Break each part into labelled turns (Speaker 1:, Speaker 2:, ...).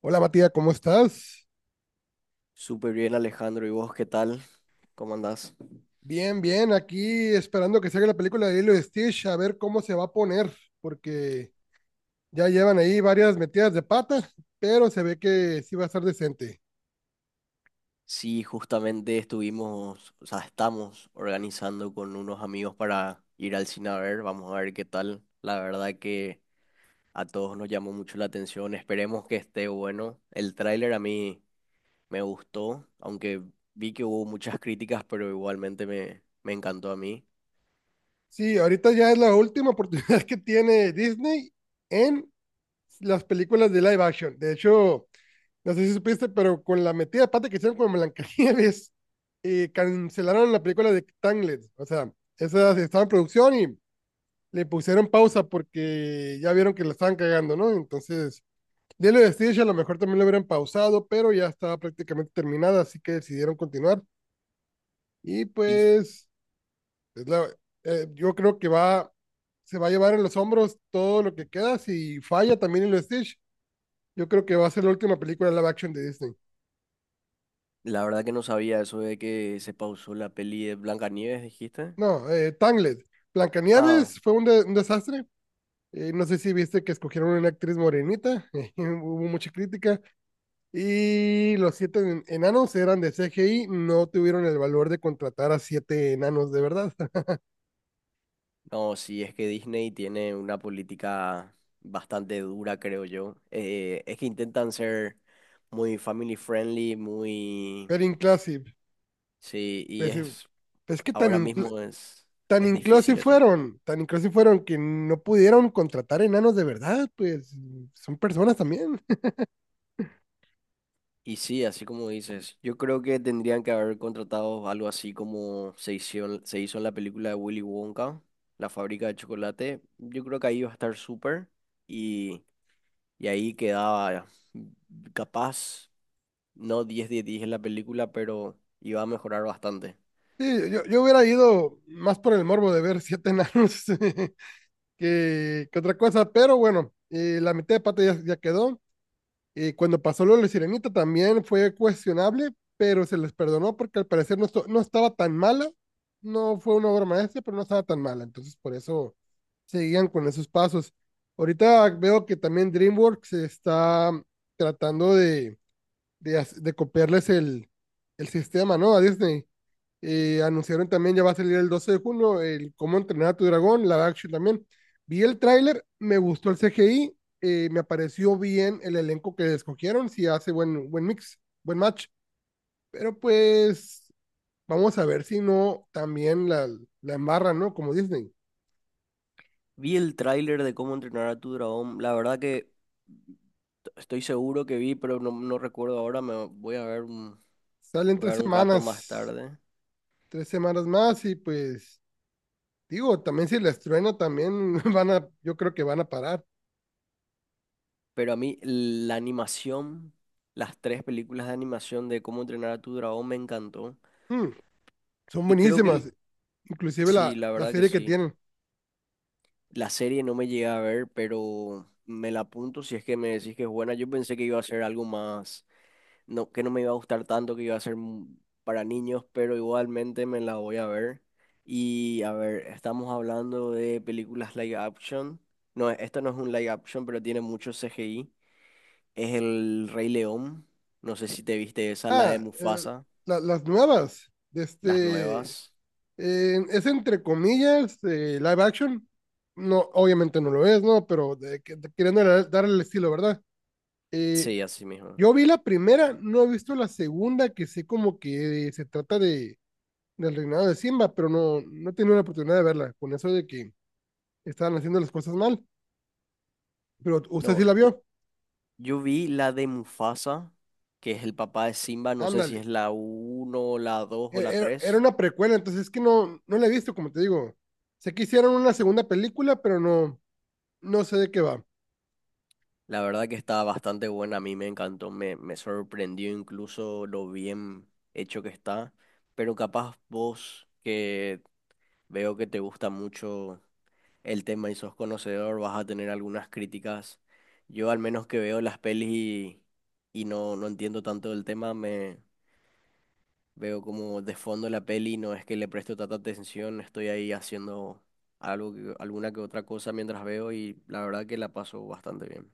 Speaker 1: Hola Matías, ¿cómo estás?
Speaker 2: Súper bien, Alejandro. ¿Y vos qué tal? ¿Cómo andás?
Speaker 1: Bien, bien, aquí esperando que salga la película de Lilo y Stitch, a ver cómo se va a poner, porque ya llevan ahí varias metidas de pata, pero se ve que sí va a estar decente.
Speaker 2: Sí, justamente estuvimos, o sea, estamos organizando con unos amigos para ir al cine a ver. Vamos a ver qué tal. La verdad que a todos nos llamó mucho la atención. Esperemos que esté bueno. El tráiler a mí me gustó, aunque vi que hubo muchas críticas, pero igualmente me encantó a mí.
Speaker 1: Sí, ahorita ya es la última oportunidad que tiene Disney en las películas de live action. De hecho, no sé si supiste, pero con la metida de pata que hicieron con Blancanieves, cancelaron la película de Tangled. O sea, esa estaba en producción y le pusieron pausa porque ya vieron que la estaban cagando, ¿no? Entonces, Lilo de Stitch a lo mejor también lo hubieran pausado, pero ya estaba prácticamente terminada, así que decidieron continuar. Y
Speaker 2: Y
Speaker 1: pues, es la, yo creo que va, se va a llevar en los hombros todo lo que queda. Si falla también Lilo de Stitch, yo creo que va a ser la última película live action de Disney.
Speaker 2: la verdad que no sabía eso de que se pausó la peli de Blancanieves, dijiste.
Speaker 1: No, Tangled.
Speaker 2: Ah.
Speaker 1: Blancanieves fue un desastre. No sé si viste que escogieron una actriz morenita, hubo mucha crítica. Y los siete enanos eran de CGI, no tuvieron el valor de contratar a siete enanos de verdad.
Speaker 2: No, sí, es que Disney tiene una política bastante dura, creo yo. Es que intentan ser muy family friendly, muy.
Speaker 1: Pero inclusive,
Speaker 2: Sí, y
Speaker 1: pues,
Speaker 2: es.
Speaker 1: pues que tan,
Speaker 2: Ahora
Speaker 1: incl-
Speaker 2: mismo es, es difícil eso.
Speaker 1: tan inclusive fueron que no pudieron contratar enanos de verdad, pues son personas también.
Speaker 2: Y sí, así como dices, yo creo que tendrían que haber contratado algo así como se hizo en la película de Willy Wonka, La fábrica de chocolate. Yo creo que ahí iba a estar súper y, y ahí quedaba capaz. No 10 de 10 en la película, pero iba a mejorar bastante.
Speaker 1: Sí, yo hubiera ido más por el morbo de ver siete enanos que otra cosa, pero bueno, la mitad de pata ya quedó. Y cuando pasó lo de la sirenita también fue cuestionable, pero se les perdonó porque al parecer no, no estaba tan mala. No fue una obra maestra, pero no estaba tan mala. Entonces, por eso seguían con esos pasos. Ahorita veo que también DreamWorks está tratando de copiarles el sistema, ¿no? A Disney. Anunciaron también, ya va a salir el 12 de junio, el Cómo entrenar a tu dragón, la action también. Vi el tráiler, me gustó el CGI, me pareció bien el elenco que escogieron, si hace buen mix, buen match. Pero pues vamos a ver si no también la embarran, ¿no? Como Disney.
Speaker 2: Vi el tráiler de cómo entrenar a tu dragón. La verdad que estoy seguro que vi, pero no recuerdo ahora. Me voy a ver un,
Speaker 1: Salen
Speaker 2: Voy a ver un rato más tarde.
Speaker 1: 3 semanas más y pues digo, también si la truena también yo creo que van a parar.
Speaker 2: Pero a mí la animación, las tres películas de animación de cómo entrenar a tu dragón me encantó.
Speaker 1: Hmm. Son
Speaker 2: Y creo que
Speaker 1: buenísimas. Inclusive
Speaker 2: sí,
Speaker 1: la,
Speaker 2: la
Speaker 1: la
Speaker 2: verdad que
Speaker 1: serie que
Speaker 2: sí.
Speaker 1: tienen.
Speaker 2: La serie no me llegué a ver, pero me la apunto si es que me decís que es buena. Yo pensé que iba a ser algo más no, que no me iba a gustar tanto, que iba a ser para niños, pero igualmente me la voy a ver. Y a ver, estamos hablando de películas live action. No, esto no es un live action, pero tiene mucho CGI. Es El Rey León. No sé si te viste esa, la de
Speaker 1: Ah,
Speaker 2: Mufasa,
Speaker 1: las nuevas. De
Speaker 2: las
Speaker 1: este,
Speaker 2: nuevas.
Speaker 1: es entre comillas live action. No, obviamente no lo es, ¿no? Pero de queriendo darle el estilo, ¿verdad? Eh,
Speaker 2: Sí, así mismo.
Speaker 1: yo vi la primera, no he visto la segunda, que sé como que se trata del reinado de Simba, pero no, no he tenido la oportunidad de verla, con eso de que estaban haciendo las cosas mal. Pero usted
Speaker 2: No,
Speaker 1: sí la vio.
Speaker 2: yo vi la de Mufasa, que es el papá de Simba. No sé si
Speaker 1: Ándale.
Speaker 2: es la uno la 2
Speaker 1: e-,
Speaker 2: o la
Speaker 1: era, era
Speaker 2: tres.
Speaker 1: una precuela, entonces es que no, no la he visto, como te digo. Sé que hicieron una segunda película, pero no, no sé de qué va.
Speaker 2: La verdad que está bastante buena, a mí me encantó, me sorprendió incluso lo bien hecho que está, pero capaz vos que veo que te gusta mucho el tema y sos conocedor, vas a tener algunas críticas. Yo al menos que veo las pelis y no entiendo tanto del tema, me veo como de fondo la peli, no es que le presto tanta atención, estoy ahí haciendo algo, alguna que otra cosa mientras veo y la verdad que la paso bastante bien.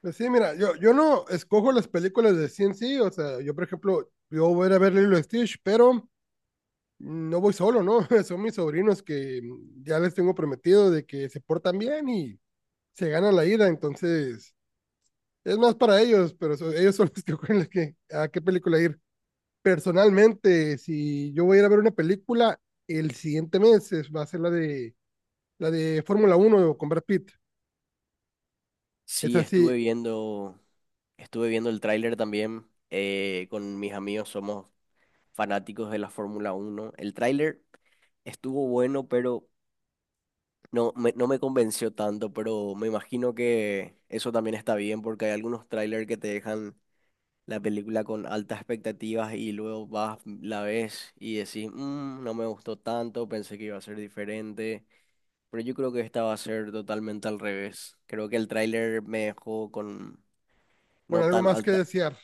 Speaker 1: Pero sí, mira, yo no escojo las películas de CNC, o sea, yo por ejemplo, yo voy a ir a ver Lilo y Stitch, pero no voy solo, ¿no? Son mis sobrinos que ya les tengo prometido de que se portan bien y se ganan la ida, entonces es más para ellos, pero ellos son los que escogen a qué película ir. Personalmente, si yo voy a ir a ver una película, el siguiente mes va a ser la de Fórmula 1 con Brad Pitt. Es
Speaker 2: Sí, estuve
Speaker 1: así,
Speaker 2: viendo Estuve viendo el tráiler también con mis amigos, somos fanáticos de la Fórmula 1. El tráiler estuvo bueno, pero no me convenció tanto, pero me imagino que eso también está bien porque hay algunos tráiler que te dejan la película con altas expectativas y luego vas, la ves y decís: "Mm, no me gustó tanto, pensé que iba a ser diferente, pero yo creo que esta va a ser totalmente al revés". Creo que el tráiler me dejó con.
Speaker 1: con
Speaker 2: No
Speaker 1: algo
Speaker 2: tan
Speaker 1: más que
Speaker 2: alta.
Speaker 1: desear.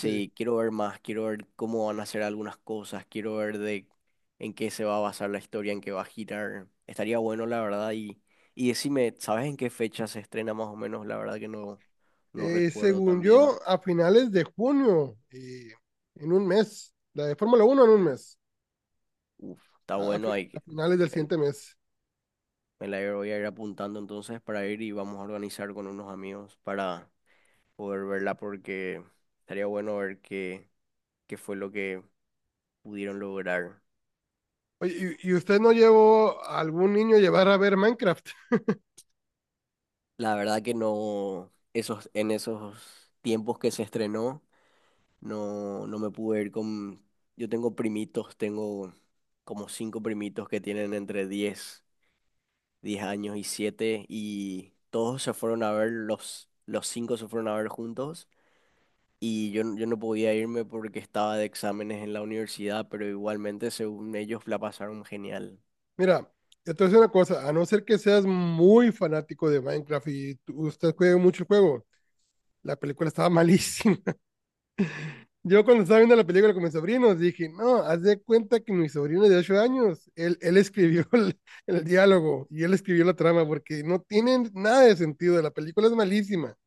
Speaker 1: Sí.
Speaker 2: quiero ver más, quiero ver cómo van a hacer algunas cosas, quiero ver de en qué se va a basar la historia, en qué va a girar. Estaría bueno, la verdad, y decime, ¿sabes en qué fecha se estrena más o menos? La verdad que no recuerdo
Speaker 1: Según
Speaker 2: también.
Speaker 1: yo, a finales de junio, en un mes, la de Fórmula 1 en un mes,
Speaker 2: Uf, está bueno,
Speaker 1: a finales del
Speaker 2: me,
Speaker 1: siguiente mes.
Speaker 2: me la voy a ir apuntando entonces para ir y vamos a organizar con unos amigos para poder verla porque estaría bueno ver qué fue lo que pudieron lograr.
Speaker 1: Oye, ¿y usted no llevó a algún niño a llevar a ver Minecraft?
Speaker 2: La verdad que no, esos, en esos tiempos que se estrenó, no me pude ir con. Yo tengo primitos, tengo como cinco primitos que tienen entre diez años y 7 y todos se fueron a ver, los cinco se fueron a ver juntos y yo, yo no podía irme porque estaba de exámenes en la universidad, pero igualmente según ellos la pasaron genial.
Speaker 1: Mira, yo te voy una cosa, a no ser que seas muy fanático de Minecraft y usted juegue mucho el juego, la película estaba malísima. Yo cuando estaba viendo la película con mis sobrinos dije, no, haz de cuenta que mi sobrino de 8 años, él escribió el diálogo y él escribió la trama porque no tienen nada de sentido, la película es malísima,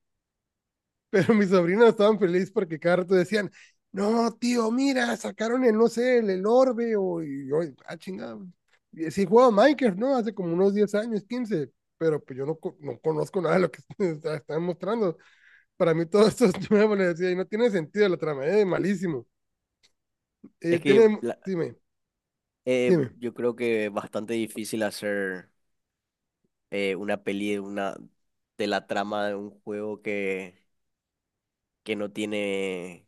Speaker 1: pero mis sobrinos estaban felices porque cada rato decían, no, tío, mira, sacaron el, no sé, el orbe o, y yo, ah, chingado, y sí jugaba Minecraft, ¿no? Hace como unos 10 años, 15. Pero pues yo no, no conozco nada de lo que están mostrando, para mí todo esto es nuevo, le decía, y no tiene sentido la trama, es malísimo.
Speaker 2: Es que
Speaker 1: Dime, dime.
Speaker 2: yo creo que es bastante difícil hacer una peli, de la trama de un juego que no tiene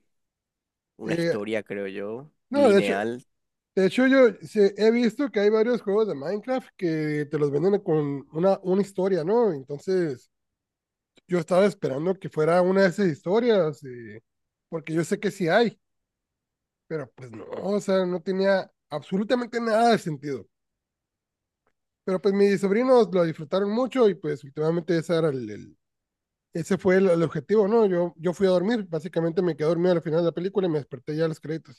Speaker 2: una
Speaker 1: Eh,
Speaker 2: historia, creo yo,
Speaker 1: no, de hecho,
Speaker 2: lineal.
Speaker 1: de hecho yo he visto que hay varios juegos de Minecraft que te los venden con una historia, ¿no? Entonces, yo estaba esperando que fuera una de esas historias, porque yo sé que sí hay, pero pues no, o sea, no tenía absolutamente nada de sentido. Pero pues mis sobrinos lo disfrutaron mucho y pues últimamente ese era ese fue el objetivo, ¿no? Yo fui a dormir, básicamente me quedé dormido al final de la película y me desperté ya a los créditos.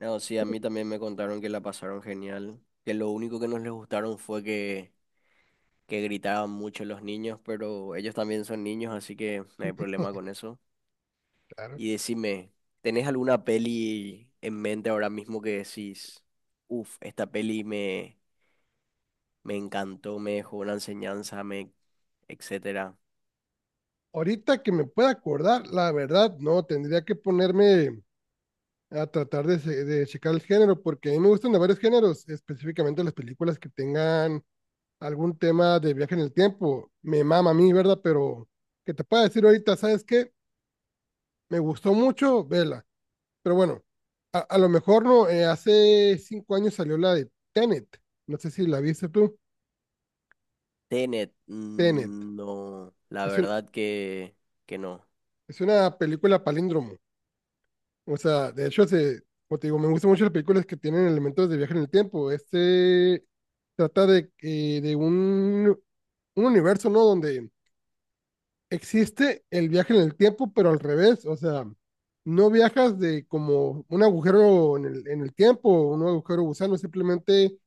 Speaker 2: No, sí, a mí también me contaron que la pasaron genial, que lo único que no les gustaron fue que gritaban mucho los niños, pero ellos también son niños, así que no hay problema con eso. Y decime, ¿tenés alguna peli en mente ahora mismo que decís, uff, esta peli me encantó, me dejó una enseñanza, etcétera?
Speaker 1: Ahorita que me pueda acordar, la verdad, no, tendría que ponerme a tratar de checar el género, porque a mí me gustan de varios géneros, específicamente las películas que tengan algún tema de viaje en el tiempo. Me mama a mí, ¿verdad? Pero que te pueda decir ahorita, ¿sabes qué? Me gustó mucho, vela. Pero bueno, a lo mejor no, hace 5 años salió la de Tenet. No sé si la viste tú.
Speaker 2: Tenet,
Speaker 1: Tenet.
Speaker 2: mm, no, la
Speaker 1: Es un-
Speaker 2: verdad que no.
Speaker 1: es una película palíndromo. O sea, de hecho, como te digo, me gustan mucho las películas que tienen elementos de viaje en el tiempo. Este trata de un universo, ¿no? Donde existe el viaje en el tiempo, pero al revés. O sea, no viajas de como un agujero en el tiempo, un agujero gusano, simplemente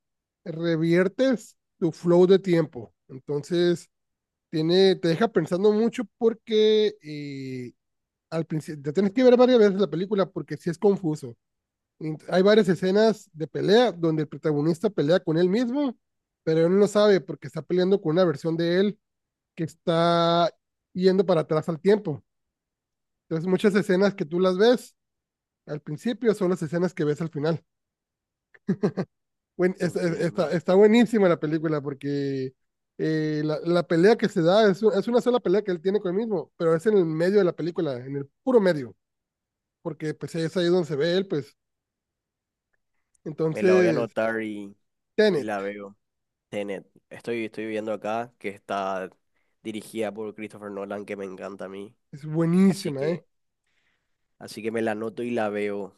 Speaker 1: reviertes tu flow de tiempo. Entonces, te deja pensando mucho porque al principio, te tienes que ver varias veces la película porque sí es confuso. Hay varias escenas de pelea donde el protagonista pelea con él mismo, pero él no sabe porque está peleando con una versión de él que está yendo para atrás al tiempo. Entonces, muchas escenas que tú las ves al principio son las escenas que ves al final. Está,
Speaker 2: Entiendo.
Speaker 1: está buenísima la película porque la pelea que se da es una sola pelea que él tiene con él mismo, pero es en el medio de la película, en el puro medio, porque pues es ahí donde se ve él, pues.
Speaker 2: Me la voy a
Speaker 1: Entonces,
Speaker 2: anotar y la
Speaker 1: Tenet
Speaker 2: veo. Tenet, estoy viendo acá que está dirigida por Christopher Nolan, que me encanta a mí.
Speaker 1: es
Speaker 2: Así
Speaker 1: buenísima, ¿eh?
Speaker 2: que, así que me la anoto y la veo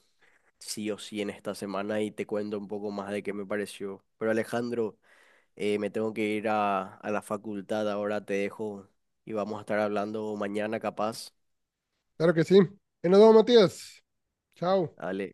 Speaker 2: sí o sí en esta semana y te cuento un poco más de qué me pareció. Pero Alejandro, me tengo que ir a la facultad ahora, te dejo y vamos a estar hablando mañana capaz.
Speaker 1: Claro que sí. Y nos vemos, Matías. Chao.
Speaker 2: Dale.